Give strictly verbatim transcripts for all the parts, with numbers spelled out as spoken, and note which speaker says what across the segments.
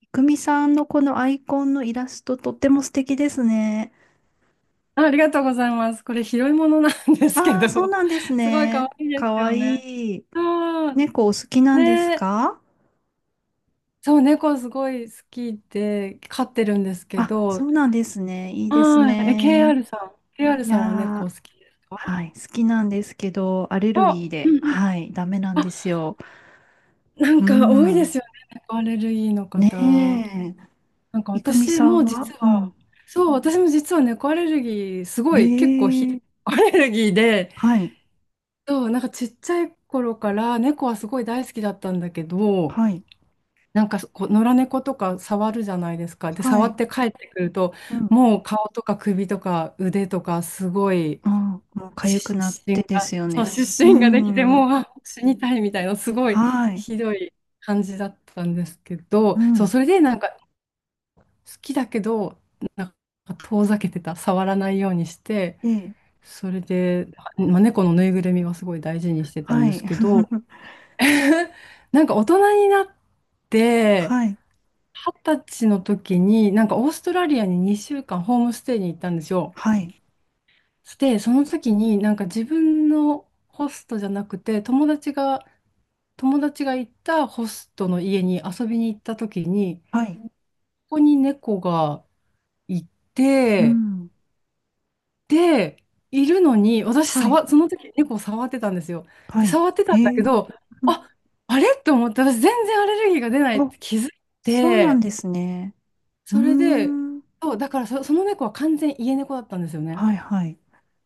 Speaker 1: いくみさんのこのアイコンのイラストとっても素敵ですね。
Speaker 2: あ、ありがとうございます。これ拾い物なんですけ
Speaker 1: ああ、そう
Speaker 2: ど、
Speaker 1: なんです
Speaker 2: すごい可
Speaker 1: ね。
Speaker 2: 愛いで
Speaker 1: か
Speaker 2: す
Speaker 1: わ
Speaker 2: よ
Speaker 1: い
Speaker 2: ね。
Speaker 1: い。
Speaker 2: そう、
Speaker 1: 猫お好きなんです
Speaker 2: ね、
Speaker 1: か？
Speaker 2: そう、猫すごい好きで飼ってるんですけ
Speaker 1: あ、
Speaker 2: ど、
Speaker 1: そうなんですね。いいです
Speaker 2: はい、え、
Speaker 1: ね。
Speaker 2: ケーアール さん、ケーアール
Speaker 1: いや
Speaker 2: さんは猫好
Speaker 1: ー、
Speaker 2: きですか？
Speaker 1: はい、好きなんですけど、アレルギー
Speaker 2: あ、う
Speaker 1: で、
Speaker 2: んうん。
Speaker 1: はい、ダメなんですよ。
Speaker 2: なん
Speaker 1: う
Speaker 2: か多いで
Speaker 1: ん。
Speaker 2: すよね、猫アレルギーの
Speaker 1: ね
Speaker 2: 方。
Speaker 1: え。
Speaker 2: なんか
Speaker 1: いくみ
Speaker 2: 私
Speaker 1: さん
Speaker 2: も
Speaker 1: は、
Speaker 2: 実
Speaker 1: う
Speaker 2: は、
Speaker 1: ん。
Speaker 2: そう、私も実は猫アレルギー、すご
Speaker 1: え
Speaker 2: い結構ひ、
Speaker 1: え、
Speaker 2: アレルギーで、
Speaker 1: はい、
Speaker 2: そう、なんかちっちゃい頃から猫はすごい大好きだったんだけど、
Speaker 1: はい、
Speaker 2: なんかこう野良猫とか触るじゃないですか。で、
Speaker 1: は
Speaker 2: 触っ
Speaker 1: い。
Speaker 2: て帰ってくると、
Speaker 1: うん。
Speaker 2: もう顔とか首とか腕とかすごい
Speaker 1: うん、もう痒
Speaker 2: 湿
Speaker 1: くなっ
Speaker 2: 疹
Speaker 1: てで
Speaker 2: が、
Speaker 1: すよ
Speaker 2: そう、
Speaker 1: ね。
Speaker 2: 湿
Speaker 1: う
Speaker 2: 疹ができて、もう
Speaker 1: ん。
Speaker 2: あ死にたいみたいな、すごい
Speaker 1: はい。
Speaker 2: ひどい感じだったんですけ
Speaker 1: う
Speaker 2: ど、そう、
Speaker 1: ん。
Speaker 2: それでなんか好きだけど、なんか遠ざけてた、触らないようにして、
Speaker 1: ええ。
Speaker 2: それで、まあ、猫のぬいぐるみはすごい大事にしてたん
Speaker 1: は
Speaker 2: で
Speaker 1: い。
Speaker 2: すけど、なんか大人になって、
Speaker 1: はい。
Speaker 2: 二十歳の時に、なんかオーストラリアににしゅうかんホームステイに行ったんですよ。
Speaker 1: はい。
Speaker 2: で、その時になんか自分のホストじゃなくて、友達が、友達が行ったホストの家に遊びに行った時に、
Speaker 1: はい。
Speaker 2: ここに猫がい
Speaker 1: う
Speaker 2: て、
Speaker 1: ん。
Speaker 2: で、いるのに、私
Speaker 1: はい。
Speaker 2: 触、その時猫を触ってたんですよ。
Speaker 1: は
Speaker 2: で、
Speaker 1: い。
Speaker 2: 触ってた
Speaker 1: へ
Speaker 2: んだ
Speaker 1: え。
Speaker 2: けど、
Speaker 1: うん、
Speaker 2: あ、あれと思って、私全然アレルギーが出ないっ
Speaker 1: あ、
Speaker 2: て気づい
Speaker 1: そうなん
Speaker 2: て、
Speaker 1: ですね。うー
Speaker 2: それで、
Speaker 1: ん。
Speaker 2: そう、だからそ、その猫は完全家猫だったんですよね。
Speaker 1: はい。はい。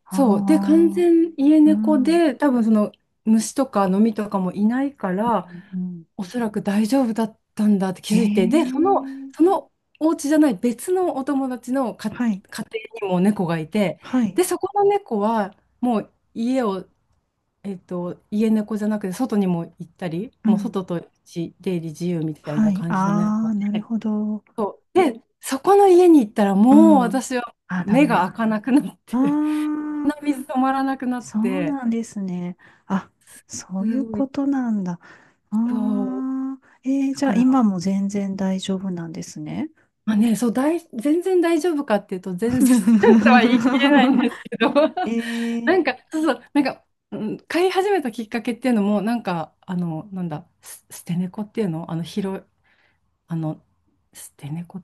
Speaker 1: あ
Speaker 2: そう。で、完
Speaker 1: あ。
Speaker 2: 全家
Speaker 1: う
Speaker 2: 猫
Speaker 1: ん。うん。
Speaker 2: で、多分その虫とかノミとかもいないか
Speaker 1: う
Speaker 2: ら、
Speaker 1: ん、
Speaker 2: おそらく大丈夫だったんだって気
Speaker 1: へえ。
Speaker 2: づいて、で、その、そのお家じゃない別のお友達のか
Speaker 1: はい。
Speaker 2: 家庭にも猫がいて、
Speaker 1: はい。
Speaker 2: で、そこの猫はもう家を、えっと、家猫じゃなくて外にも行ったり、
Speaker 1: う
Speaker 2: もう
Speaker 1: ん。
Speaker 2: 外と出入り自由みたい
Speaker 1: は
Speaker 2: な
Speaker 1: い。
Speaker 2: 感じの
Speaker 1: ああ、
Speaker 2: 猫
Speaker 1: なる
Speaker 2: で。
Speaker 1: ほど。
Speaker 2: で、そこの家に行ったら
Speaker 1: う
Speaker 2: もう
Speaker 1: ん。
Speaker 2: 私は
Speaker 1: あー、ダ
Speaker 2: 目が
Speaker 1: メ。
Speaker 2: 開かなくなって、
Speaker 1: あ あ、
Speaker 2: 鼻水止まらなくなっ
Speaker 1: そう
Speaker 2: て、
Speaker 1: なんですね。あ、そう
Speaker 2: す
Speaker 1: いう
Speaker 2: ご
Speaker 1: こ
Speaker 2: い、
Speaker 1: となんだ。あ
Speaker 2: そう、
Speaker 1: あ、えー、
Speaker 2: だ
Speaker 1: じゃ
Speaker 2: か
Speaker 1: あ今
Speaker 2: ら、
Speaker 1: も全然大丈夫なんですね。
Speaker 2: まあね、そう、大全然大丈夫かっていうと、全然 とは言い切れないん ですけど、
Speaker 1: え ー、
Speaker 2: なんか、そうそう、なんか、うん、飼い始めたきっかけっていうのも、なんか、あの、なんだ、ス捨て猫っていうの、あの、拾い、あの、捨て猫、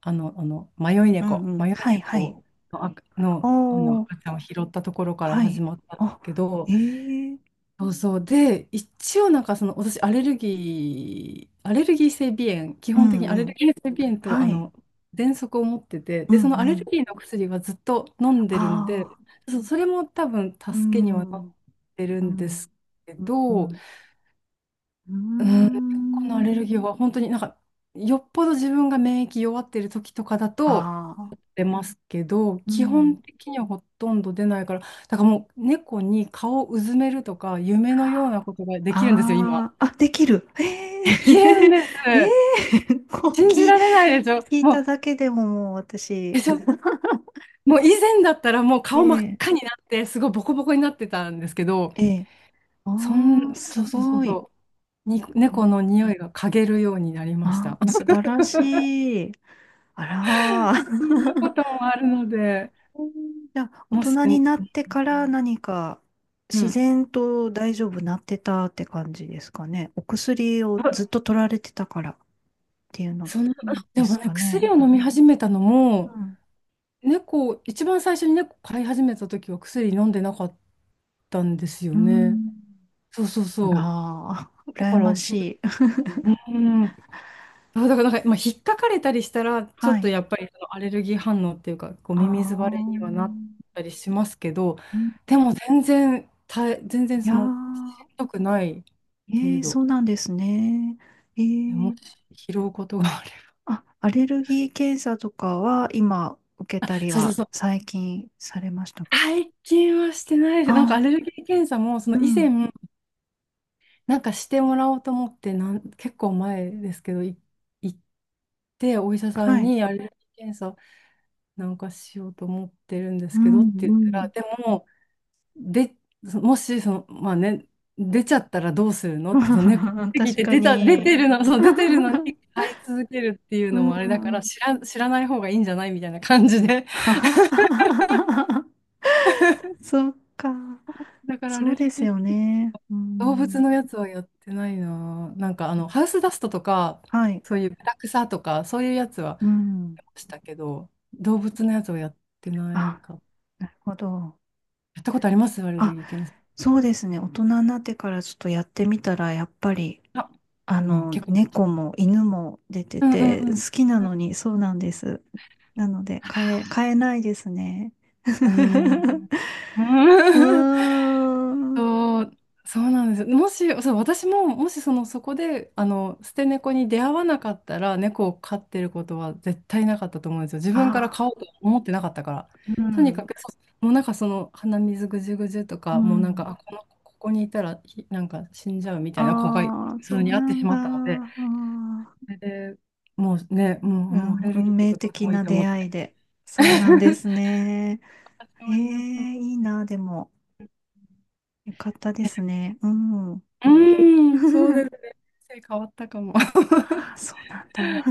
Speaker 2: あの、あの、迷い
Speaker 1: うん
Speaker 2: 猫、
Speaker 1: うん。
Speaker 2: 迷い
Speaker 1: はいはい。
Speaker 2: 猫の、あ
Speaker 1: お
Speaker 2: の、あの
Speaker 1: ー、
Speaker 2: 赤ちゃんを拾ったところから
Speaker 1: は
Speaker 2: 始
Speaker 1: い。
Speaker 2: まったんです
Speaker 1: あ、
Speaker 2: け
Speaker 1: え
Speaker 2: ど、
Speaker 1: ー、
Speaker 2: そうそう。で、一応なんかその、私、アレルギー、アレルギー性鼻炎、基
Speaker 1: う
Speaker 2: 本的にア
Speaker 1: んう
Speaker 2: レル
Speaker 1: ん。
Speaker 2: ギー性鼻炎と、
Speaker 1: は
Speaker 2: あ
Speaker 1: い。
Speaker 2: の、喘息を持ってて、
Speaker 1: う
Speaker 2: で、そのア
Speaker 1: んう
Speaker 2: レル
Speaker 1: ん。
Speaker 2: ギーの薬はずっと飲んでるので、
Speaker 1: ああ、
Speaker 2: そう、それも多分助
Speaker 1: う
Speaker 2: けにはなっ
Speaker 1: ん、
Speaker 2: てる
Speaker 1: う
Speaker 2: んです
Speaker 1: ん、
Speaker 2: け
Speaker 1: うん、う
Speaker 2: ど、
Speaker 1: ん。
Speaker 2: うん、
Speaker 1: うー
Speaker 2: このア
Speaker 1: ん。
Speaker 2: レルギーは本当になんかよっぽど自分が免疫弱ってる時とかだと
Speaker 1: ああ、
Speaker 2: 出ますけど、
Speaker 1: う
Speaker 2: 基
Speaker 1: ん。
Speaker 2: 本的にはほとんど出ないから、だからもう猫に顔をうずめるとか夢のようなことができるんですよ今。
Speaker 1: ああ、あ、できる。ええ
Speaker 2: できるんです。
Speaker 1: ええこう
Speaker 2: 信じ
Speaker 1: 聞い、
Speaker 2: られないでしょ、
Speaker 1: 聞い
Speaker 2: もう。
Speaker 1: ただけでももう
Speaker 2: で
Speaker 1: 私、
Speaker 2: しょ？もう以前だったらもう顔真っ
Speaker 1: ええ、
Speaker 2: 赤になってすごいボコボコになってたんですけど、
Speaker 1: ええ、
Speaker 2: そん
Speaker 1: ああ、
Speaker 2: そ
Speaker 1: す
Speaker 2: うそうそう
Speaker 1: ごい。
Speaker 2: そうに猫の匂いが嗅げるようになりまし
Speaker 1: あ、
Speaker 2: た。
Speaker 1: 素 晴らしい。あら
Speaker 2: そんなこ
Speaker 1: ー。
Speaker 2: ともあるので。
Speaker 1: うん、じゃあ、大
Speaker 2: もし、
Speaker 1: 人になってから何か
Speaker 2: う
Speaker 1: 自
Speaker 2: ん。
Speaker 1: 然と大丈夫なってたって感じですかね。お薬を
Speaker 2: あ、
Speaker 1: ずっと取られてたからっていうの
Speaker 2: その、で
Speaker 1: で
Speaker 2: も
Speaker 1: す
Speaker 2: ね、
Speaker 1: か
Speaker 2: 薬
Speaker 1: ね。
Speaker 2: を飲み始めたの
Speaker 1: う
Speaker 2: も、
Speaker 1: ん。
Speaker 2: 猫、一番最初に猫飼い始めた時は薬飲んでなかったんですよ
Speaker 1: う
Speaker 2: ね。
Speaker 1: ん、
Speaker 2: そうそうそう。
Speaker 1: ああ、
Speaker 2: だ
Speaker 1: 羨
Speaker 2: か
Speaker 1: ま
Speaker 2: ら、そ
Speaker 1: しい。
Speaker 2: う、うん。あ、だからなんか、まあ、引っかかれたりしたら、ちょ
Speaker 1: は
Speaker 2: っと
Speaker 1: い。
Speaker 2: やっぱりそのアレルギー反応っていうか、こう、
Speaker 1: あ
Speaker 2: ミミズバレに
Speaker 1: あ、
Speaker 2: はなったりしますけど、
Speaker 1: うん、
Speaker 2: でも全然、たえ、全然
Speaker 1: い
Speaker 2: そ
Speaker 1: やー、
Speaker 2: の、しんどくない
Speaker 1: え
Speaker 2: 程
Speaker 1: ー、
Speaker 2: 度。
Speaker 1: そうなんですね。え
Speaker 2: も
Speaker 1: ー、
Speaker 2: し拾うことがあれば。
Speaker 1: あ、アレルギー検査とかは今受けたり
Speaker 2: そうそう
Speaker 1: は
Speaker 2: そう。
Speaker 1: 最近されましたか？
Speaker 2: 最近はしてないです。なんかア
Speaker 1: あ
Speaker 2: レルギー検査も、そ
Speaker 1: ー、う
Speaker 2: の以前、
Speaker 1: ん。
Speaker 2: なんかしてもらおうと思って、なん、結構前ですけど、い行って、お医者さ
Speaker 1: は
Speaker 2: ん
Speaker 1: い。
Speaker 2: にアレルギー検査なんかしようと思ってるんで
Speaker 1: う
Speaker 2: すけどっ
Speaker 1: ん、
Speaker 2: て言
Speaker 1: う
Speaker 2: ったら、
Speaker 1: ん。
Speaker 2: でも、で、そもし、その、まあね、出ちゃったらどうするのって、その猫っ て聞い
Speaker 1: 確
Speaker 2: て、
Speaker 1: か
Speaker 2: 出た、出て
Speaker 1: に。
Speaker 2: るの、そう、出てるのに 飼い続けるっていう
Speaker 1: う
Speaker 2: のもあれだから、
Speaker 1: ん。
Speaker 2: 知ら、知らない方がいいんじゃないみたいな感じで。
Speaker 1: そっか。
Speaker 2: だからア
Speaker 1: そ
Speaker 2: レ
Speaker 1: うで
Speaker 2: ル
Speaker 1: す
Speaker 2: ギー
Speaker 1: よね。う
Speaker 2: 動物
Speaker 1: ん。
Speaker 2: のやつはやってないな。なんかあの、ハウスダストとか、
Speaker 1: はい。
Speaker 2: そういうブラクサとか、そういうやつは
Speaker 1: うん。
Speaker 2: やりましたけど、動物のやつはやってない
Speaker 1: あ、
Speaker 2: か。
Speaker 1: なるほど。
Speaker 2: やったことありますアレル
Speaker 1: あ、
Speaker 2: ギー検査。
Speaker 1: そうですね。大人になってからちょっとやってみたら、やっぱり、
Speaker 2: あ、
Speaker 1: あ
Speaker 2: うん、
Speaker 1: の、
Speaker 2: 結構やりまし
Speaker 1: 猫
Speaker 2: た。
Speaker 1: も犬も出て
Speaker 2: うんうん
Speaker 1: て、
Speaker 2: うん。
Speaker 1: 好きなのに、そうなんです。なので、変え、変えないですね。う
Speaker 2: うん。うー
Speaker 1: ー
Speaker 2: ん。うーん、
Speaker 1: ん。
Speaker 2: そう、そうなんです。もし、そう、私も、もしその、そこで、あの、捨て猫に出会わなかったら、猫を飼ってることは絶対なかったと思うんですよ。自分から
Speaker 1: あ、
Speaker 2: 飼おうと思ってなかったから。
Speaker 1: う
Speaker 2: とにか
Speaker 1: ん。
Speaker 2: く、そうもうなんかその、鼻水ぐじゅぐじゅと
Speaker 1: う
Speaker 2: か、もうなんか、
Speaker 1: ん。
Speaker 2: あ、この、ここにいたら、ひなんか死んじゃうみたいな子が普
Speaker 1: ああ、そ
Speaker 2: 通
Speaker 1: う
Speaker 2: に会っ
Speaker 1: な
Speaker 2: てし
Speaker 1: んだ。
Speaker 2: まっ
Speaker 1: あ
Speaker 2: たので、
Speaker 1: ー、
Speaker 2: それで、もうね、もう、
Speaker 1: う
Speaker 2: もうア
Speaker 1: ん、
Speaker 2: レルギ
Speaker 1: 運
Speaker 2: ーと
Speaker 1: 命
Speaker 2: かどうで
Speaker 1: 的
Speaker 2: もいい
Speaker 1: な
Speaker 2: と思
Speaker 1: 出
Speaker 2: って。
Speaker 1: 会いで。そうなんで すね。
Speaker 2: 私
Speaker 1: え
Speaker 2: もになった。
Speaker 1: え、いいな、でも。よかったですね。うん。
Speaker 2: う ーん、そうで す。人生変わったかも。
Speaker 1: あー、そうなんだ。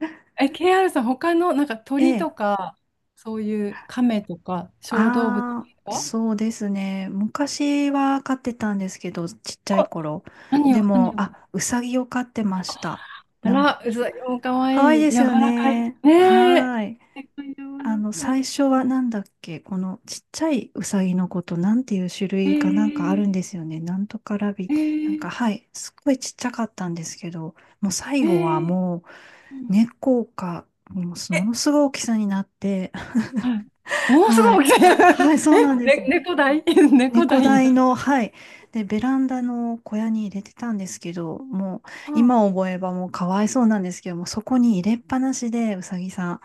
Speaker 2: え、ケーアール さん、他の、なんか
Speaker 1: え
Speaker 2: 鳥
Speaker 1: え。
Speaker 2: とか、そういう亀とか、小動物と
Speaker 1: ああ、
Speaker 2: か、
Speaker 1: そうですね。昔は飼ってたんですけど、ちっちゃい
Speaker 2: お
Speaker 1: 頃。
Speaker 2: 何
Speaker 1: で
Speaker 2: を、何
Speaker 1: も、
Speaker 2: を
Speaker 1: あ、
Speaker 2: か、
Speaker 1: うさぎを飼ってました。
Speaker 2: あ
Speaker 1: なん、
Speaker 2: ら、うざい、おかわ
Speaker 1: かわいい
Speaker 2: いい、
Speaker 1: です
Speaker 2: 柔
Speaker 1: よ
Speaker 2: らかい。
Speaker 1: ね。
Speaker 2: ねえ、
Speaker 1: はーい。
Speaker 2: え柔
Speaker 1: あ
Speaker 2: ら
Speaker 1: の、
Speaker 2: か
Speaker 1: 最
Speaker 2: い。
Speaker 1: 初はなんだっけ、このちっちゃいウサギのこと、なんていう種
Speaker 2: え
Speaker 1: 類かなんかあるん
Speaker 2: ー、
Speaker 1: ですよね。なんとかラビ、
Speaker 2: え
Speaker 1: なん
Speaker 2: ー、
Speaker 1: か、はい、すっごいちっちゃかったんですけど、もう最
Speaker 2: え
Speaker 1: 後は
Speaker 2: ー、
Speaker 1: も
Speaker 2: う
Speaker 1: う、
Speaker 2: ん
Speaker 1: 猫か、もう
Speaker 2: え、
Speaker 1: ものすごい大きさになって、
Speaker 2: はい。もうす
Speaker 1: は
Speaker 2: ご
Speaker 1: い。
Speaker 2: い大きい。
Speaker 1: はい、そうなん
Speaker 2: え、
Speaker 1: です。
Speaker 2: ね、猫大 猫
Speaker 1: 猫
Speaker 2: 大に
Speaker 1: 台
Speaker 2: なる。
Speaker 1: の、はい。で、ベランダの小屋に入れてたんですけど、もう、
Speaker 2: うん。
Speaker 1: 今思えばもうかわいそうなんですけども、そこに入れっぱなしで、うさぎさ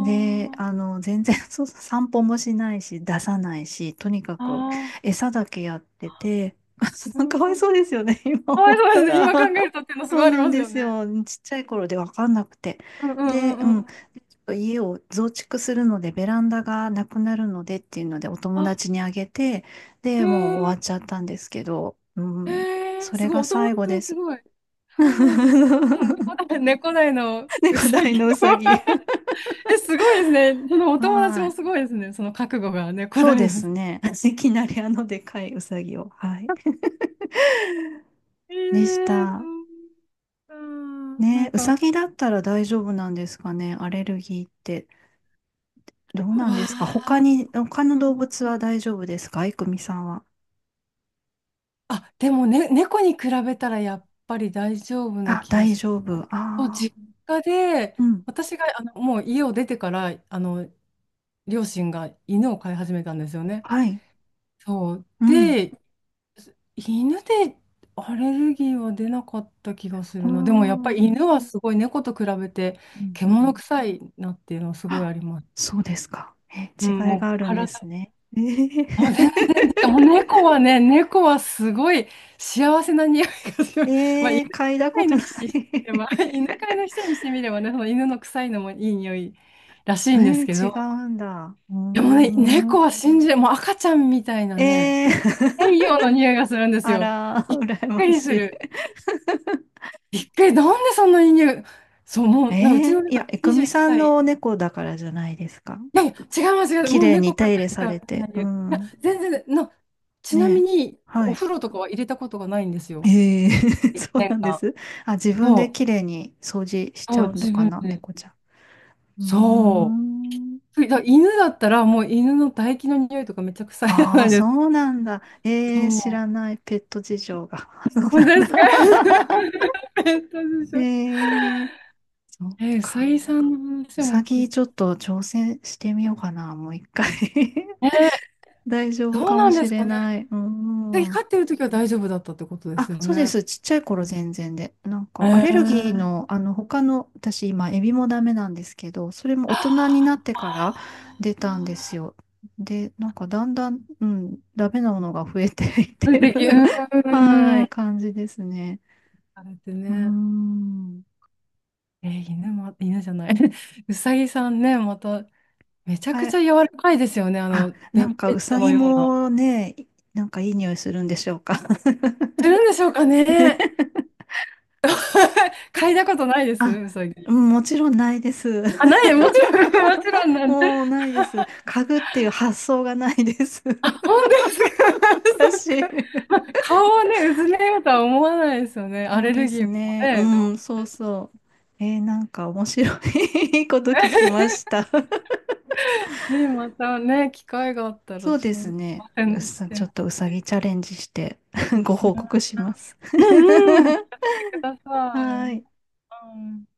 Speaker 1: ん。で、あの、全然 そう、散歩もしないし、出さないし、とにか
Speaker 2: あ、
Speaker 1: く
Speaker 2: ああ、
Speaker 1: 餌だけやってて、
Speaker 2: う ん
Speaker 1: かわ
Speaker 2: う
Speaker 1: いそ
Speaker 2: ん。
Speaker 1: うですよね、今
Speaker 2: かわ
Speaker 1: 思
Speaker 2: い
Speaker 1: っ
Speaker 2: そ
Speaker 1: た
Speaker 2: うですね。
Speaker 1: ら。
Speaker 2: 今考 えるとっていうのす
Speaker 1: そ
Speaker 2: ご
Speaker 1: う
Speaker 2: いあり
Speaker 1: なん
Speaker 2: ます
Speaker 1: で
Speaker 2: よ
Speaker 1: す
Speaker 2: ね。
Speaker 1: よ。ちっちゃい頃で分かんなくて。
Speaker 2: うんうんう
Speaker 1: で、う
Speaker 2: んう
Speaker 1: ん。ちょ
Speaker 2: ん。
Speaker 1: っと家を増築するので、ベランダがなくなるのでっていうので、お友
Speaker 2: あ、
Speaker 1: 達にあげて、
Speaker 2: え
Speaker 1: で、もう終わ
Speaker 2: ー
Speaker 1: っちゃったんですけど、う
Speaker 2: え
Speaker 1: ん。
Speaker 2: ー、
Speaker 1: そ
Speaker 2: す
Speaker 1: れ
Speaker 2: ごい、
Speaker 1: が
Speaker 2: お友
Speaker 1: 最後
Speaker 2: 達
Speaker 1: で
Speaker 2: もす
Speaker 1: す。
Speaker 2: ごい。そうなんです。でも猫だ、猫だいのう
Speaker 1: 猫
Speaker 2: さ
Speaker 1: 大
Speaker 2: ぎも
Speaker 1: のうさぎ。
Speaker 2: え、すごいですね。そのお友達
Speaker 1: は
Speaker 2: も
Speaker 1: い。
Speaker 2: すごいですね。その覚悟が猫
Speaker 1: そ
Speaker 2: だ
Speaker 1: う
Speaker 2: い
Speaker 1: で
Speaker 2: のう
Speaker 1: す
Speaker 2: さぎ。
Speaker 1: ね。いきなりあのでかいウサギを。はい。
Speaker 2: え
Speaker 1: でし
Speaker 2: ー、
Speaker 1: た。
Speaker 2: ううかな
Speaker 1: ね、
Speaker 2: ん
Speaker 1: ウ
Speaker 2: か、わ
Speaker 1: サギだったら大丈夫なんですかね、アレルギーって。どうな
Speaker 2: ー、
Speaker 1: んですか他に、他の動物は大丈夫ですか、いくみさんは。
Speaker 2: あ、でもね、猫に比べたらやっぱり大丈夫な
Speaker 1: あ、
Speaker 2: 気が
Speaker 1: 大
Speaker 2: しま
Speaker 1: 丈
Speaker 2: す。
Speaker 1: 夫。あ
Speaker 2: そう、
Speaker 1: あ、
Speaker 2: 実家で、
Speaker 1: うん。
Speaker 2: 私があのもう家を出てから、あの、両親が犬を飼い始めたんですよね。
Speaker 1: はい。
Speaker 2: そう。
Speaker 1: うん。
Speaker 2: で、犬でアレルギーは出なかった気がす
Speaker 1: お
Speaker 2: るな。でもやっぱ
Speaker 1: ー。
Speaker 2: り犬はすごい猫と比べて
Speaker 1: うんうん。
Speaker 2: 獣臭いなっていうのはすごい
Speaker 1: あ、
Speaker 2: あります。
Speaker 1: そうですか。え、
Speaker 2: うん、
Speaker 1: 違い
Speaker 2: も
Speaker 1: が
Speaker 2: う
Speaker 1: あるんで
Speaker 2: 体、
Speaker 1: すね。え
Speaker 2: もう全
Speaker 1: ー、
Speaker 2: 然、しかも猫はね、猫はすごい幸せな匂いがす る。まあ、犬
Speaker 1: えー、嗅いだ
Speaker 2: 飼
Speaker 1: こ
Speaker 2: い
Speaker 1: と
Speaker 2: の
Speaker 1: ない
Speaker 2: 人にしてみれば、犬飼いの人にしてみればね、その犬の臭いのもいい匂いらし
Speaker 1: え
Speaker 2: いんですけ
Speaker 1: ー、違
Speaker 2: ど、
Speaker 1: うんだ。お
Speaker 2: でもね、
Speaker 1: ー。
Speaker 2: 猫は信じ、もう赤ちゃんみたいなね、
Speaker 1: ええ
Speaker 2: 太 陽の匂いがするんです
Speaker 1: あ
Speaker 2: よ。
Speaker 1: ら、
Speaker 2: びっ
Speaker 1: 羨
Speaker 2: く
Speaker 1: ま
Speaker 2: りす
Speaker 1: しい。
Speaker 2: る。びっくり、なんでそんなに匂そう、も
Speaker 1: え
Speaker 2: う、なうちの
Speaker 1: え、い
Speaker 2: 猫
Speaker 1: や、いく
Speaker 2: 21
Speaker 1: みさんの
Speaker 2: 歳。
Speaker 1: お猫だからじゃないですか。
Speaker 2: いやいや、違います、違います、
Speaker 1: 綺
Speaker 2: もう
Speaker 1: 麗に
Speaker 2: 猫
Speaker 1: 手
Speaker 2: 飼って
Speaker 1: 入れ
Speaker 2: る人
Speaker 1: され
Speaker 2: はみんな
Speaker 1: て。う
Speaker 2: 言う。いや、
Speaker 1: ん。
Speaker 2: 全然、な、ちなみ
Speaker 1: ねえ。
Speaker 2: に、
Speaker 1: は
Speaker 2: お
Speaker 1: い。
Speaker 2: 風呂とかは入れたことがないんですよ。
Speaker 1: ええ そう
Speaker 2: 年
Speaker 1: なんで
Speaker 2: 間。
Speaker 1: す。あ、自分で
Speaker 2: そう、
Speaker 1: 綺麗に掃除しち
Speaker 2: そ
Speaker 1: ゃ
Speaker 2: う、
Speaker 1: うの
Speaker 2: 自
Speaker 1: か
Speaker 2: 分
Speaker 1: な、
Speaker 2: で。
Speaker 1: 猫ちゃん。うー
Speaker 2: そ
Speaker 1: ん。
Speaker 2: う。だ犬だったら、もう犬の唾液の匂いとかめっちゃ臭いじゃ
Speaker 1: あ
Speaker 2: な
Speaker 1: あ、
Speaker 2: いです
Speaker 1: そ
Speaker 2: か。
Speaker 1: うなんだ。
Speaker 2: そ
Speaker 1: えー、知
Speaker 2: う。
Speaker 1: らないペット事情が。そう
Speaker 2: 本
Speaker 1: な
Speaker 2: 当
Speaker 1: ん
Speaker 2: ですか？
Speaker 1: だ。
Speaker 2: ペットで しょ。
Speaker 1: ええ、そっ
Speaker 2: えー、サ
Speaker 1: か。
Speaker 2: イさんの話
Speaker 1: う
Speaker 2: も
Speaker 1: さぎ
Speaker 2: 聞
Speaker 1: ち
Speaker 2: き。
Speaker 1: ょっと挑戦してみようかな、もういっかい
Speaker 2: えー、
Speaker 1: 大丈夫
Speaker 2: どう
Speaker 1: かも
Speaker 2: なんで
Speaker 1: し
Speaker 2: す
Speaker 1: れ
Speaker 2: かね。
Speaker 1: ない。うん。
Speaker 2: 飼ってる時は大丈夫だったってことです
Speaker 1: あ、
Speaker 2: よ
Speaker 1: そうで
Speaker 2: ね。
Speaker 1: す。ちっちゃい頃全然で。なん
Speaker 2: え
Speaker 1: か、アレルギー
Speaker 2: ー、
Speaker 1: の、あの、他の、私今、エビもダメなんですけど、それも大人になってから出たんですよ。で、なんか、だんだん、うん、ダメなものが増えていっ
Speaker 2: あれ
Speaker 1: てる
Speaker 2: でき、う
Speaker 1: は
Speaker 2: ー
Speaker 1: い、
Speaker 2: ん、
Speaker 1: 感じですね。
Speaker 2: あれって
Speaker 1: うー
Speaker 2: ね、
Speaker 1: ん。
Speaker 2: えー犬も、犬じゃない、うさぎさんね、また、めちゃ
Speaker 1: は
Speaker 2: くちゃ
Speaker 1: い。
Speaker 2: 柔らかいですよね、あ
Speaker 1: あ、
Speaker 2: の、
Speaker 1: な
Speaker 2: ベ
Speaker 1: ん
Speaker 2: ル
Speaker 1: か、
Speaker 2: ベ
Speaker 1: う
Speaker 2: ッ
Speaker 1: さ
Speaker 2: トの
Speaker 1: ぎ
Speaker 2: ような。
Speaker 1: もね、なんかいい匂いするんでしょうか。
Speaker 2: する んでしょうかね。嗅いだことないです、
Speaker 1: あ、
Speaker 2: うさぎ。
Speaker 1: うん、もちろんないです。
Speaker 2: あ、ない、もちろん、もちろん なんで。
Speaker 1: もうないです。家具っていう発想がないです。
Speaker 2: あ、本当ですか。そっか。
Speaker 1: 私。
Speaker 2: まあ、顔をね、うずめようとは思わないですよね。ア
Speaker 1: そう
Speaker 2: レ
Speaker 1: で
Speaker 2: ルギー
Speaker 1: す
Speaker 2: も
Speaker 1: ね。う
Speaker 2: ね。でも
Speaker 1: ん、そうそう。えー、なんか面白い こと聞きました。
Speaker 2: ね、またね、機会があったら
Speaker 1: そうです
Speaker 2: 挑
Speaker 1: ね。う
Speaker 2: 戦し
Speaker 1: さ、
Speaker 2: て
Speaker 1: ちょっ
Speaker 2: ほ
Speaker 1: とうさ
Speaker 2: しい。
Speaker 1: ぎチャレンジして ご報告
Speaker 2: ね、
Speaker 1: します。
Speaker 2: うんうん、し てくださ
Speaker 1: はー
Speaker 2: い。
Speaker 1: い。
Speaker 2: はい。